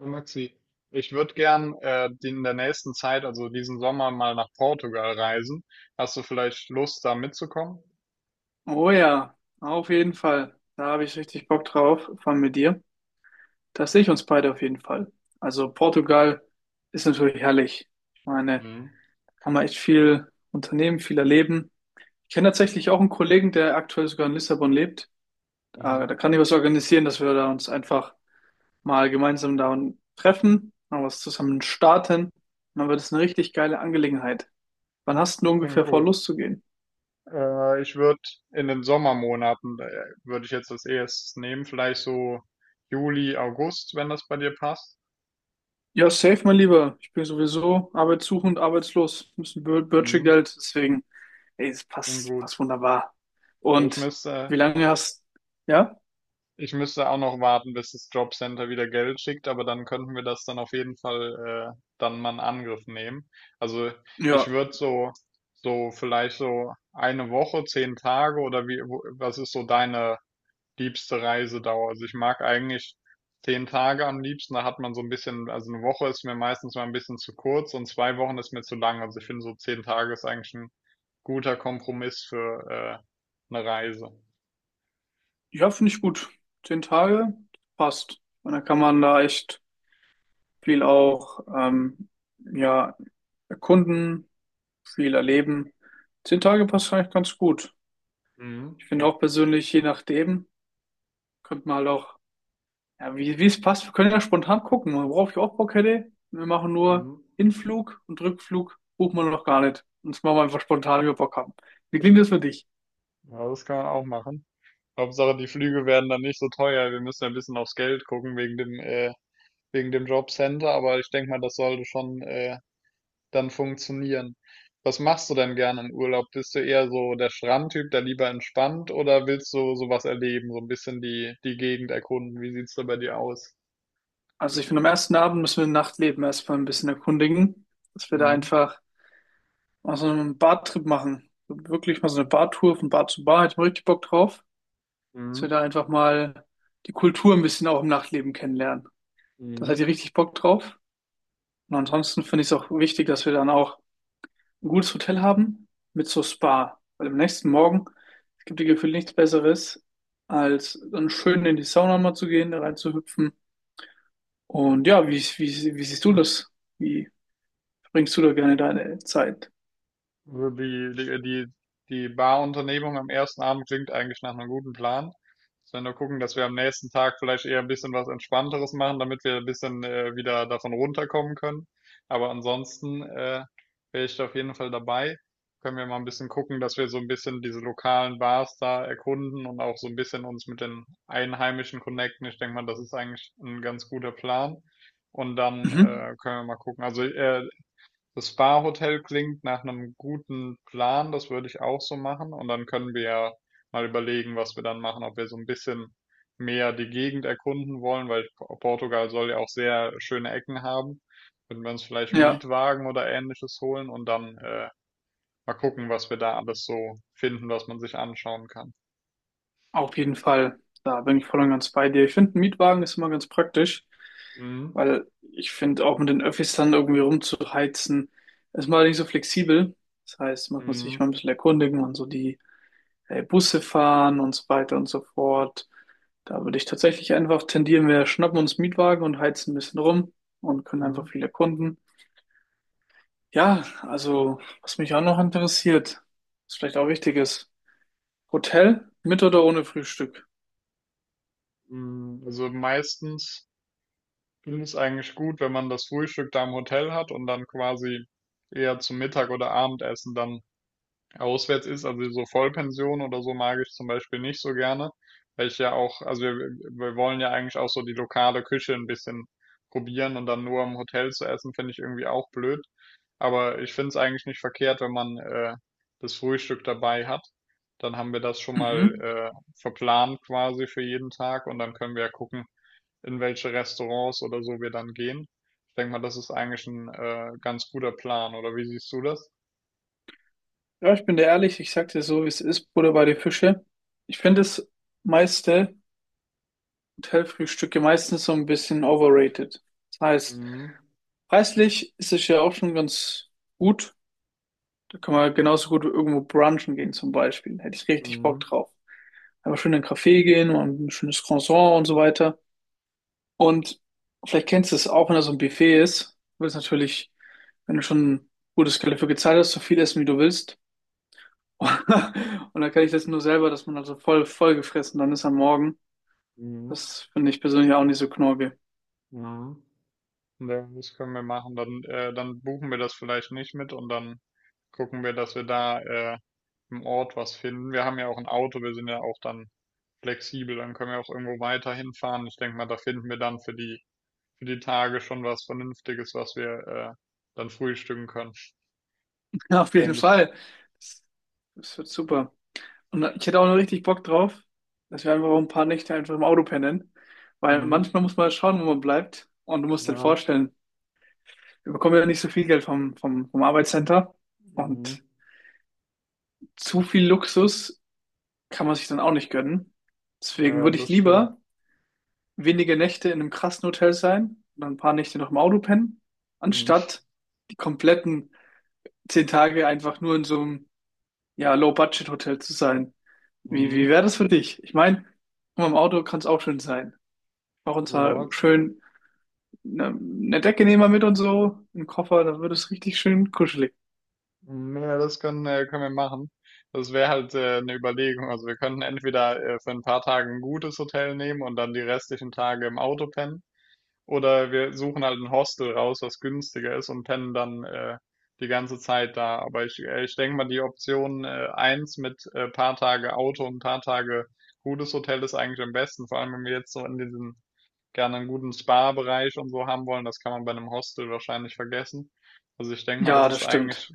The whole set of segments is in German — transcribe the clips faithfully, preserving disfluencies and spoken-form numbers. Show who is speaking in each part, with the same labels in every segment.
Speaker 1: Hallo Maxi, ich würde gern äh, die- in der nächsten Zeit, also diesen Sommer, mal nach Portugal reisen. Hast du vielleicht Lust, da mitzukommen?
Speaker 2: Oh ja, auf jeden Fall. Da habe ich richtig Bock drauf von mit dir. Das sehe ich uns beide auf jeden Fall. Also Portugal ist natürlich herrlich. Ich meine,
Speaker 1: Mhm.
Speaker 2: kann man echt viel unternehmen, viel erleben. Ich kenne tatsächlich auch einen Kollegen, der aktuell sogar in Lissabon lebt. Da, da
Speaker 1: Mhm.
Speaker 2: kann ich was organisieren, dass wir da uns einfach mal gemeinsam da treffen, mal was zusammen starten. Und dann wird es eine richtig geile Angelegenheit. Wann hast du
Speaker 1: Das klingt
Speaker 2: ungefähr vor,
Speaker 1: gut.
Speaker 2: loszugehen?
Speaker 1: Äh, ich würde in den Sommermonaten, äh, würde ich jetzt das erstes nehmen, vielleicht so Juli, August, wenn das bei dir passt.
Speaker 2: Ja, safe, mein Lieber. Ich bin sowieso arbeitssuchend, arbeitslos. Ein bisschen Bö-
Speaker 1: Mhm.
Speaker 2: Bürgergeld, deswegen, ey, es
Speaker 1: Klingt
Speaker 2: passt,
Speaker 1: gut.
Speaker 2: passt wunderbar.
Speaker 1: Ich
Speaker 2: Und
Speaker 1: müsste
Speaker 2: wie lange hast, ja?
Speaker 1: Ich müsste auch noch warten, bis das Jobcenter wieder Geld schickt, aber dann könnten wir das dann auf jeden Fall äh, dann mal in Angriff nehmen. Also ich
Speaker 2: Ja,
Speaker 1: würde so so vielleicht so eine Woche, zehn Tage oder wie wo- was ist so deine liebste Reisedauer? Also ich mag eigentlich zehn Tage am liebsten. Da hat man so ein bisschen, also eine Woche ist mir meistens mal ein bisschen zu kurz und zwei Wochen ist mir zu lang. Also ich finde so zehn Tage ist eigentlich ein guter Kompromiss für äh, eine Reise.
Speaker 2: ja, finde ich gut. Zehn Tage, passt. Und dann kann man da echt viel auch, ähm, ja, erkunden, viel erleben. Zehn Tage passt eigentlich ganz gut.
Speaker 1: Mhm.
Speaker 2: Ich finde
Speaker 1: Gut.
Speaker 2: auch persönlich, je nachdem, könnte man halt auch Ja, wie, wie es passt, wir können ja spontan gucken, worauf ich auch Bock hätte. Wir machen nur
Speaker 1: Mhm.
Speaker 2: Hinflug und Rückflug, buchen wir noch gar nicht. Und das machen wir einfach spontan, wie wir Bock haben. Wie klingt das für dich?
Speaker 1: Ja, das kann man auch machen. Hauptsache, die Flüge werden dann nicht so teuer. Wir müssen ein bisschen aufs Geld gucken wegen dem, äh, wegen dem Jobcenter, aber ich denke mal, das sollte schon, äh, dann funktionieren. Was machst du denn gerne im Urlaub? Bist du eher so der Strandtyp, der lieber entspannt, oder willst du sowas erleben, so ein bisschen die, die Gegend erkunden? Wie sieht's da bei dir aus?
Speaker 2: Also ich finde, am ersten Abend müssen wir Nachtleben erstmal ein bisschen erkundigen, dass wir da
Speaker 1: Mhm.
Speaker 2: einfach mal so einen Bartrip machen. Wirklich mal so eine Bartour von Bar zu Bar, hätte ich mal richtig Bock drauf. Dass wir
Speaker 1: Mhm.
Speaker 2: da einfach mal die Kultur ein bisschen auch im Nachtleben kennenlernen. Das
Speaker 1: Mhm.
Speaker 2: hätte ich richtig Bock drauf. Und ansonsten finde ich es auch wichtig, dass wir dann auch ein gutes Hotel haben mit so Spa. Weil am nächsten Morgen, es gibt dir gefühlt nichts Besseres, als dann schön in die Sauna mal zu gehen, da reinzuhüpfen. Und ja, wie, wie, wie siehst du das? Wie verbringst du da gerne deine Zeit?
Speaker 1: Also Die, die, die, die Barunternehmung am ersten Abend klingt eigentlich nach einem guten Plan. Wenn wir nur gucken, dass wir am nächsten Tag vielleicht eher ein bisschen was Entspannteres machen, damit wir ein bisschen äh, wieder davon runterkommen können. Aber ansonsten äh, wäre ich da auf jeden Fall dabei. Können wir mal ein bisschen gucken, dass wir so ein bisschen diese lokalen Bars da erkunden und auch so ein bisschen uns mit den Einheimischen connecten. Ich denke mal, das ist eigentlich ein ganz guter Plan. Und dann
Speaker 2: Mhm.
Speaker 1: äh, können wir mal gucken. Also äh, das Spa-Hotel klingt nach einem guten Plan, das würde ich auch so machen. Und dann können wir ja mal überlegen, was wir dann machen, ob wir so ein bisschen mehr die Gegend erkunden wollen, weil Po- Portugal soll ja auch sehr schöne Ecken haben. Würden wir uns vielleicht einen
Speaker 2: Ja,
Speaker 1: Mietwagen oder ähnliches holen und dann äh, mal gucken, was wir da alles so finden, was man sich anschauen kann.
Speaker 2: auf jeden Fall. Da bin ich voll und ganz bei dir. Ich finde, ein Mietwagen ist immer ganz praktisch,
Speaker 1: Mhm.
Speaker 2: weil ich finde, auch mit den Öffis dann irgendwie rumzuheizen, ist mal nicht so flexibel. Das heißt, man muss sich
Speaker 1: Mhm.
Speaker 2: mal ein bisschen erkundigen und so die äh, Busse fahren und so weiter und so fort. Da würde ich tatsächlich einfach tendieren, wir schnappen uns Mietwagen und heizen ein bisschen rum und können einfach
Speaker 1: Mhm.
Speaker 2: viele Kunden. Ja, also was mich auch noch interessiert, was vielleicht auch wichtig ist, Hotel mit oder ohne Frühstück?
Speaker 1: Mhm. Also meistens finde ich eigentlich gut, wenn man das Frühstück da im Hotel hat und dann quasi eher zum Mittag oder Abendessen dann auswärts ist. Also so Vollpension oder so mag ich zum Beispiel nicht so gerne, weil ich ja auch, also wir, wir wollen ja eigentlich auch so die lokale Küche ein bisschen probieren und dann nur im Hotel zu essen, finde ich irgendwie auch blöd. Aber ich finde es eigentlich nicht verkehrt, wenn man äh, das Frühstück dabei hat. Dann haben wir das schon mal
Speaker 2: Mhm.
Speaker 1: äh, verplant quasi für jeden Tag und dann können wir ja gucken, in welche Restaurants oder so wir dann gehen. Ich denke mal, das ist eigentlich ein äh, ganz guter Plan, oder wie siehst du das?
Speaker 2: Ja, ich bin dir ehrlich, ich sag dir so, wie es ist, Butter bei die Fische. Ich finde das meiste Hotelfrühstücke meistens so ein bisschen overrated. Das heißt,
Speaker 1: Mhm.
Speaker 2: preislich ist es ja auch schon ganz gut. Da kann man halt genauso gut irgendwo brunchen gehen zum Beispiel. Hätte ich richtig Bock
Speaker 1: Mhm.
Speaker 2: drauf. Einfach schön in einen Café gehen und ein schönes Croissant und so weiter. Und vielleicht kennst du es auch, wenn da so ein Buffet ist. Du willst natürlich, wenn du schon ein gutes Geld dafür gezahlt hast, so viel essen, wie du willst. Und dann kenne ich das nur selber, dass man also voll, voll gefressen dann ist am Morgen.
Speaker 1: Mhm.
Speaker 2: Das finde ich persönlich auch nicht so knorke.
Speaker 1: Mhm. Ja, das können wir machen. Dann, äh, dann buchen wir das vielleicht nicht mit und dann gucken wir, dass wir da äh, im Ort was finden. Wir haben ja auch ein Auto, wir sind ja auch dann flexibel, dann können wir auch irgendwo weiter hinfahren. Ich denke mal, da finden wir dann für die für die Tage schon was Vernünftiges, was wir äh, dann frühstücken können.
Speaker 2: Auf jeden
Speaker 1: Denke ich.
Speaker 2: Fall. Das, das wird super. Und ich hätte auch noch richtig Bock drauf, dass wir einfach ein paar Nächte einfach im Auto pennen. Weil
Speaker 1: Mhm.
Speaker 2: manchmal muss man schauen, wo man bleibt. Und du musst dir
Speaker 1: Ja.
Speaker 2: vorstellen, wir bekommen ja nicht so viel Geld vom, vom, vom Arbeitscenter.
Speaker 1: Mhm.
Speaker 2: Und zu viel Luxus kann man sich dann auch nicht gönnen. Deswegen
Speaker 1: Ja,
Speaker 2: würde ich
Speaker 1: das stimmt.
Speaker 2: lieber wenige Nächte in einem krassen Hotel sein und ein paar Nächte noch im Auto pennen,
Speaker 1: Mhm.
Speaker 2: anstatt die kompletten zehn Tage einfach nur in so einem ja, Low-Budget-Hotel zu sein. Wie, wie
Speaker 1: Mhm.
Speaker 2: wäre das für dich? Ich meine, im Auto kann es auch schön sein. Auch uns mal
Speaker 1: Ja, z-
Speaker 2: schön eine, eine Decke nehmen wir mit und so, einen Koffer, da wird es richtig schön kuschelig.
Speaker 1: mhm, ja, das können, äh, können wir machen. Das wäre halt äh, eine Überlegung. Also wir könnten entweder äh, für ein paar Tage ein gutes Hotel nehmen und dann die restlichen Tage im Auto pennen. Oder wir suchen halt ein Hostel raus, was günstiger ist und pennen dann äh, die ganze Zeit da. Aber ich, äh, ich denke mal, die Option äh, eins mit äh, paar Tage Auto und paar Tage gutes Hotel ist eigentlich am besten. Vor allem, wenn wir jetzt so in diesen gerne einen guten Spa-Bereich und so haben wollen, das kann man bei einem Hostel wahrscheinlich vergessen. Also ich denke mal, das
Speaker 2: Ja,
Speaker 1: ist
Speaker 2: das stimmt.
Speaker 1: eigentlich,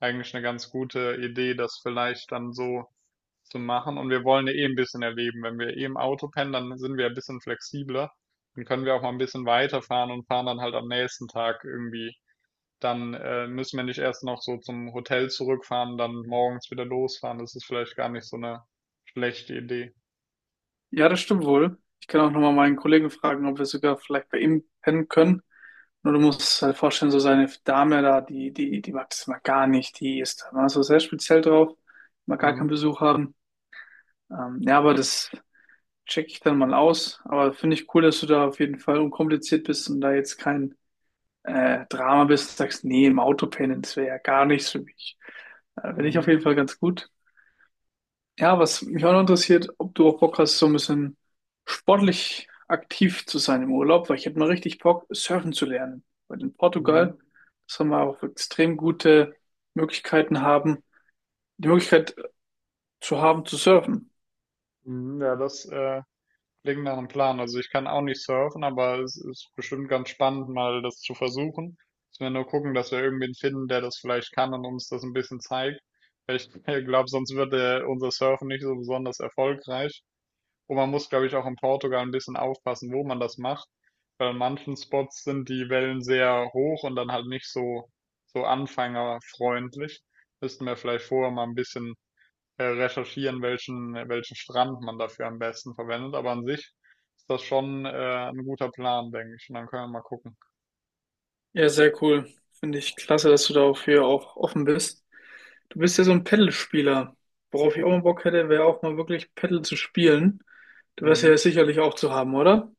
Speaker 1: eigentlich eine ganz gute Idee, das vielleicht dann so zu machen. Und wir wollen ja eh ein bisschen erleben. Wenn wir eh im Auto pennen, dann sind wir ja ein bisschen flexibler. Dann können wir auch mal ein bisschen weiterfahren und fahren dann halt am nächsten Tag irgendwie. Dann äh, müssen wir nicht erst noch so zum Hotel zurückfahren, dann morgens wieder losfahren. Das ist vielleicht gar nicht so eine schlechte Idee.
Speaker 2: Ja, das stimmt wohl. Ich kann auch nochmal meinen Kollegen fragen, ob wir sogar vielleicht bei ihm pennen können. Nur du musst es halt vorstellen, so seine Dame da, die, die, die mag das mal gar nicht. Die ist da mal so sehr speziell drauf, mag gar keinen
Speaker 1: Mhm.
Speaker 2: Besuch haben. Ähm, ja, aber das checke ich dann mal aus. Aber finde ich cool, dass du da auf jeden Fall unkompliziert bist und da jetzt kein äh, Drama bist, sagst, nee, im Auto pennen, das wäre ja gar nichts für mich. Äh, Finde ich auf
Speaker 1: Mhm.
Speaker 2: jeden Fall ganz gut. Ja, was mich auch noch interessiert, ob du auch Bock hast, so ein bisschen sportlich aktiv zu sein im Urlaub, weil ich hätte mal richtig Bock, surfen zu lernen. Weil in
Speaker 1: Mhm.
Speaker 2: Portugal, das haben wir auch extrem gute Möglichkeiten haben, die Möglichkeit zu haben, zu surfen.
Speaker 1: Mhm. Ja, das, äh, klingt nach einem Plan. Also ich kann auch nicht surfen, aber es ist bestimmt ganz spannend, mal das zu versuchen. Müssen wir nur gucken, dass wir irgendwen finden, der das vielleicht kann und uns das ein bisschen zeigt. Weil ich glaube, sonst wird äh, unser Surfen nicht so besonders erfolgreich. Und man muss, glaube ich, auch in Portugal ein bisschen aufpassen, wo man das macht. Weil an manchen Spots sind die Wellen sehr hoch und dann halt nicht so, so anfängerfreundlich. Müssten wir vielleicht vorher mal ein bisschen äh, recherchieren, welchen, welchen Strand man dafür am besten verwendet. Aber an sich ist das schon äh, ein guter Plan, denke ich. Und dann können wir mal gucken.
Speaker 2: Ja, sehr cool. Finde ich klasse, dass du dafür auch offen bist. Du bist ja so ein Paddle-Spieler. Worauf ich auch mal Bock hätte, wäre auch mal wirklich Paddle zu spielen. Du wärst ja
Speaker 1: Mhm.
Speaker 2: sicherlich auch zu haben, oder?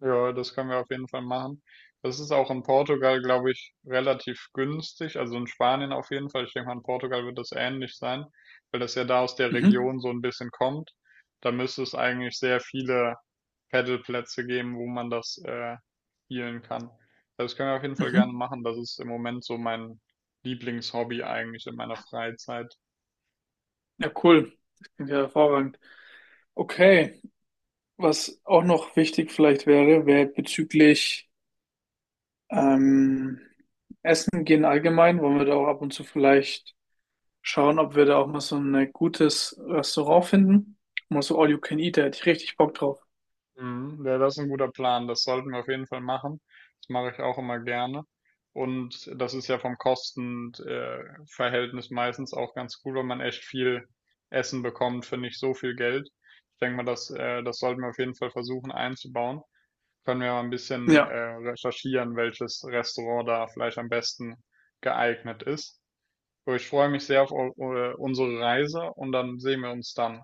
Speaker 1: Ja, das können wir auf jeden Fall machen. Das ist auch in Portugal, glaube ich, relativ günstig. Also in Spanien auf jeden Fall. Ich denke mal, in Portugal wird das ähnlich sein, weil das ja da aus der
Speaker 2: Mhm.
Speaker 1: Region so ein bisschen kommt. Da müsste es eigentlich sehr viele Paddleplätze geben, wo man das äh, spielen kann. Also das können wir auf jeden Fall gerne
Speaker 2: Mhm.
Speaker 1: machen. Das ist im Moment so mein Lieblingshobby eigentlich in meiner Freizeit.
Speaker 2: Ja, cool. Das klingt ja hervorragend. Okay, was auch noch wichtig vielleicht wäre, wäre, bezüglich ähm, Essen gehen allgemein, wollen wir da auch ab und zu vielleicht schauen, ob wir da auch mal so ein gutes Restaurant finden. Mal so All You Can Eat, da hätte ich richtig Bock drauf.
Speaker 1: Mhm, ja, das ist ein guter Plan. Das sollten wir auf jeden Fall machen. Das mache ich auch immer gerne. Und das ist ja vom Kostenverhältnis meistens auch ganz cool, weil man echt viel Essen bekommt für nicht so viel Geld. Ich denke mal, das, äh, das sollten wir auf jeden Fall versuchen einzubauen. Können wir mal ein bisschen,
Speaker 2: Ja.
Speaker 1: äh, recherchieren, welches Restaurant da vielleicht am besten geeignet ist. So, ich freue mich sehr auf eu- äh, unsere Reise und dann sehen wir uns dann.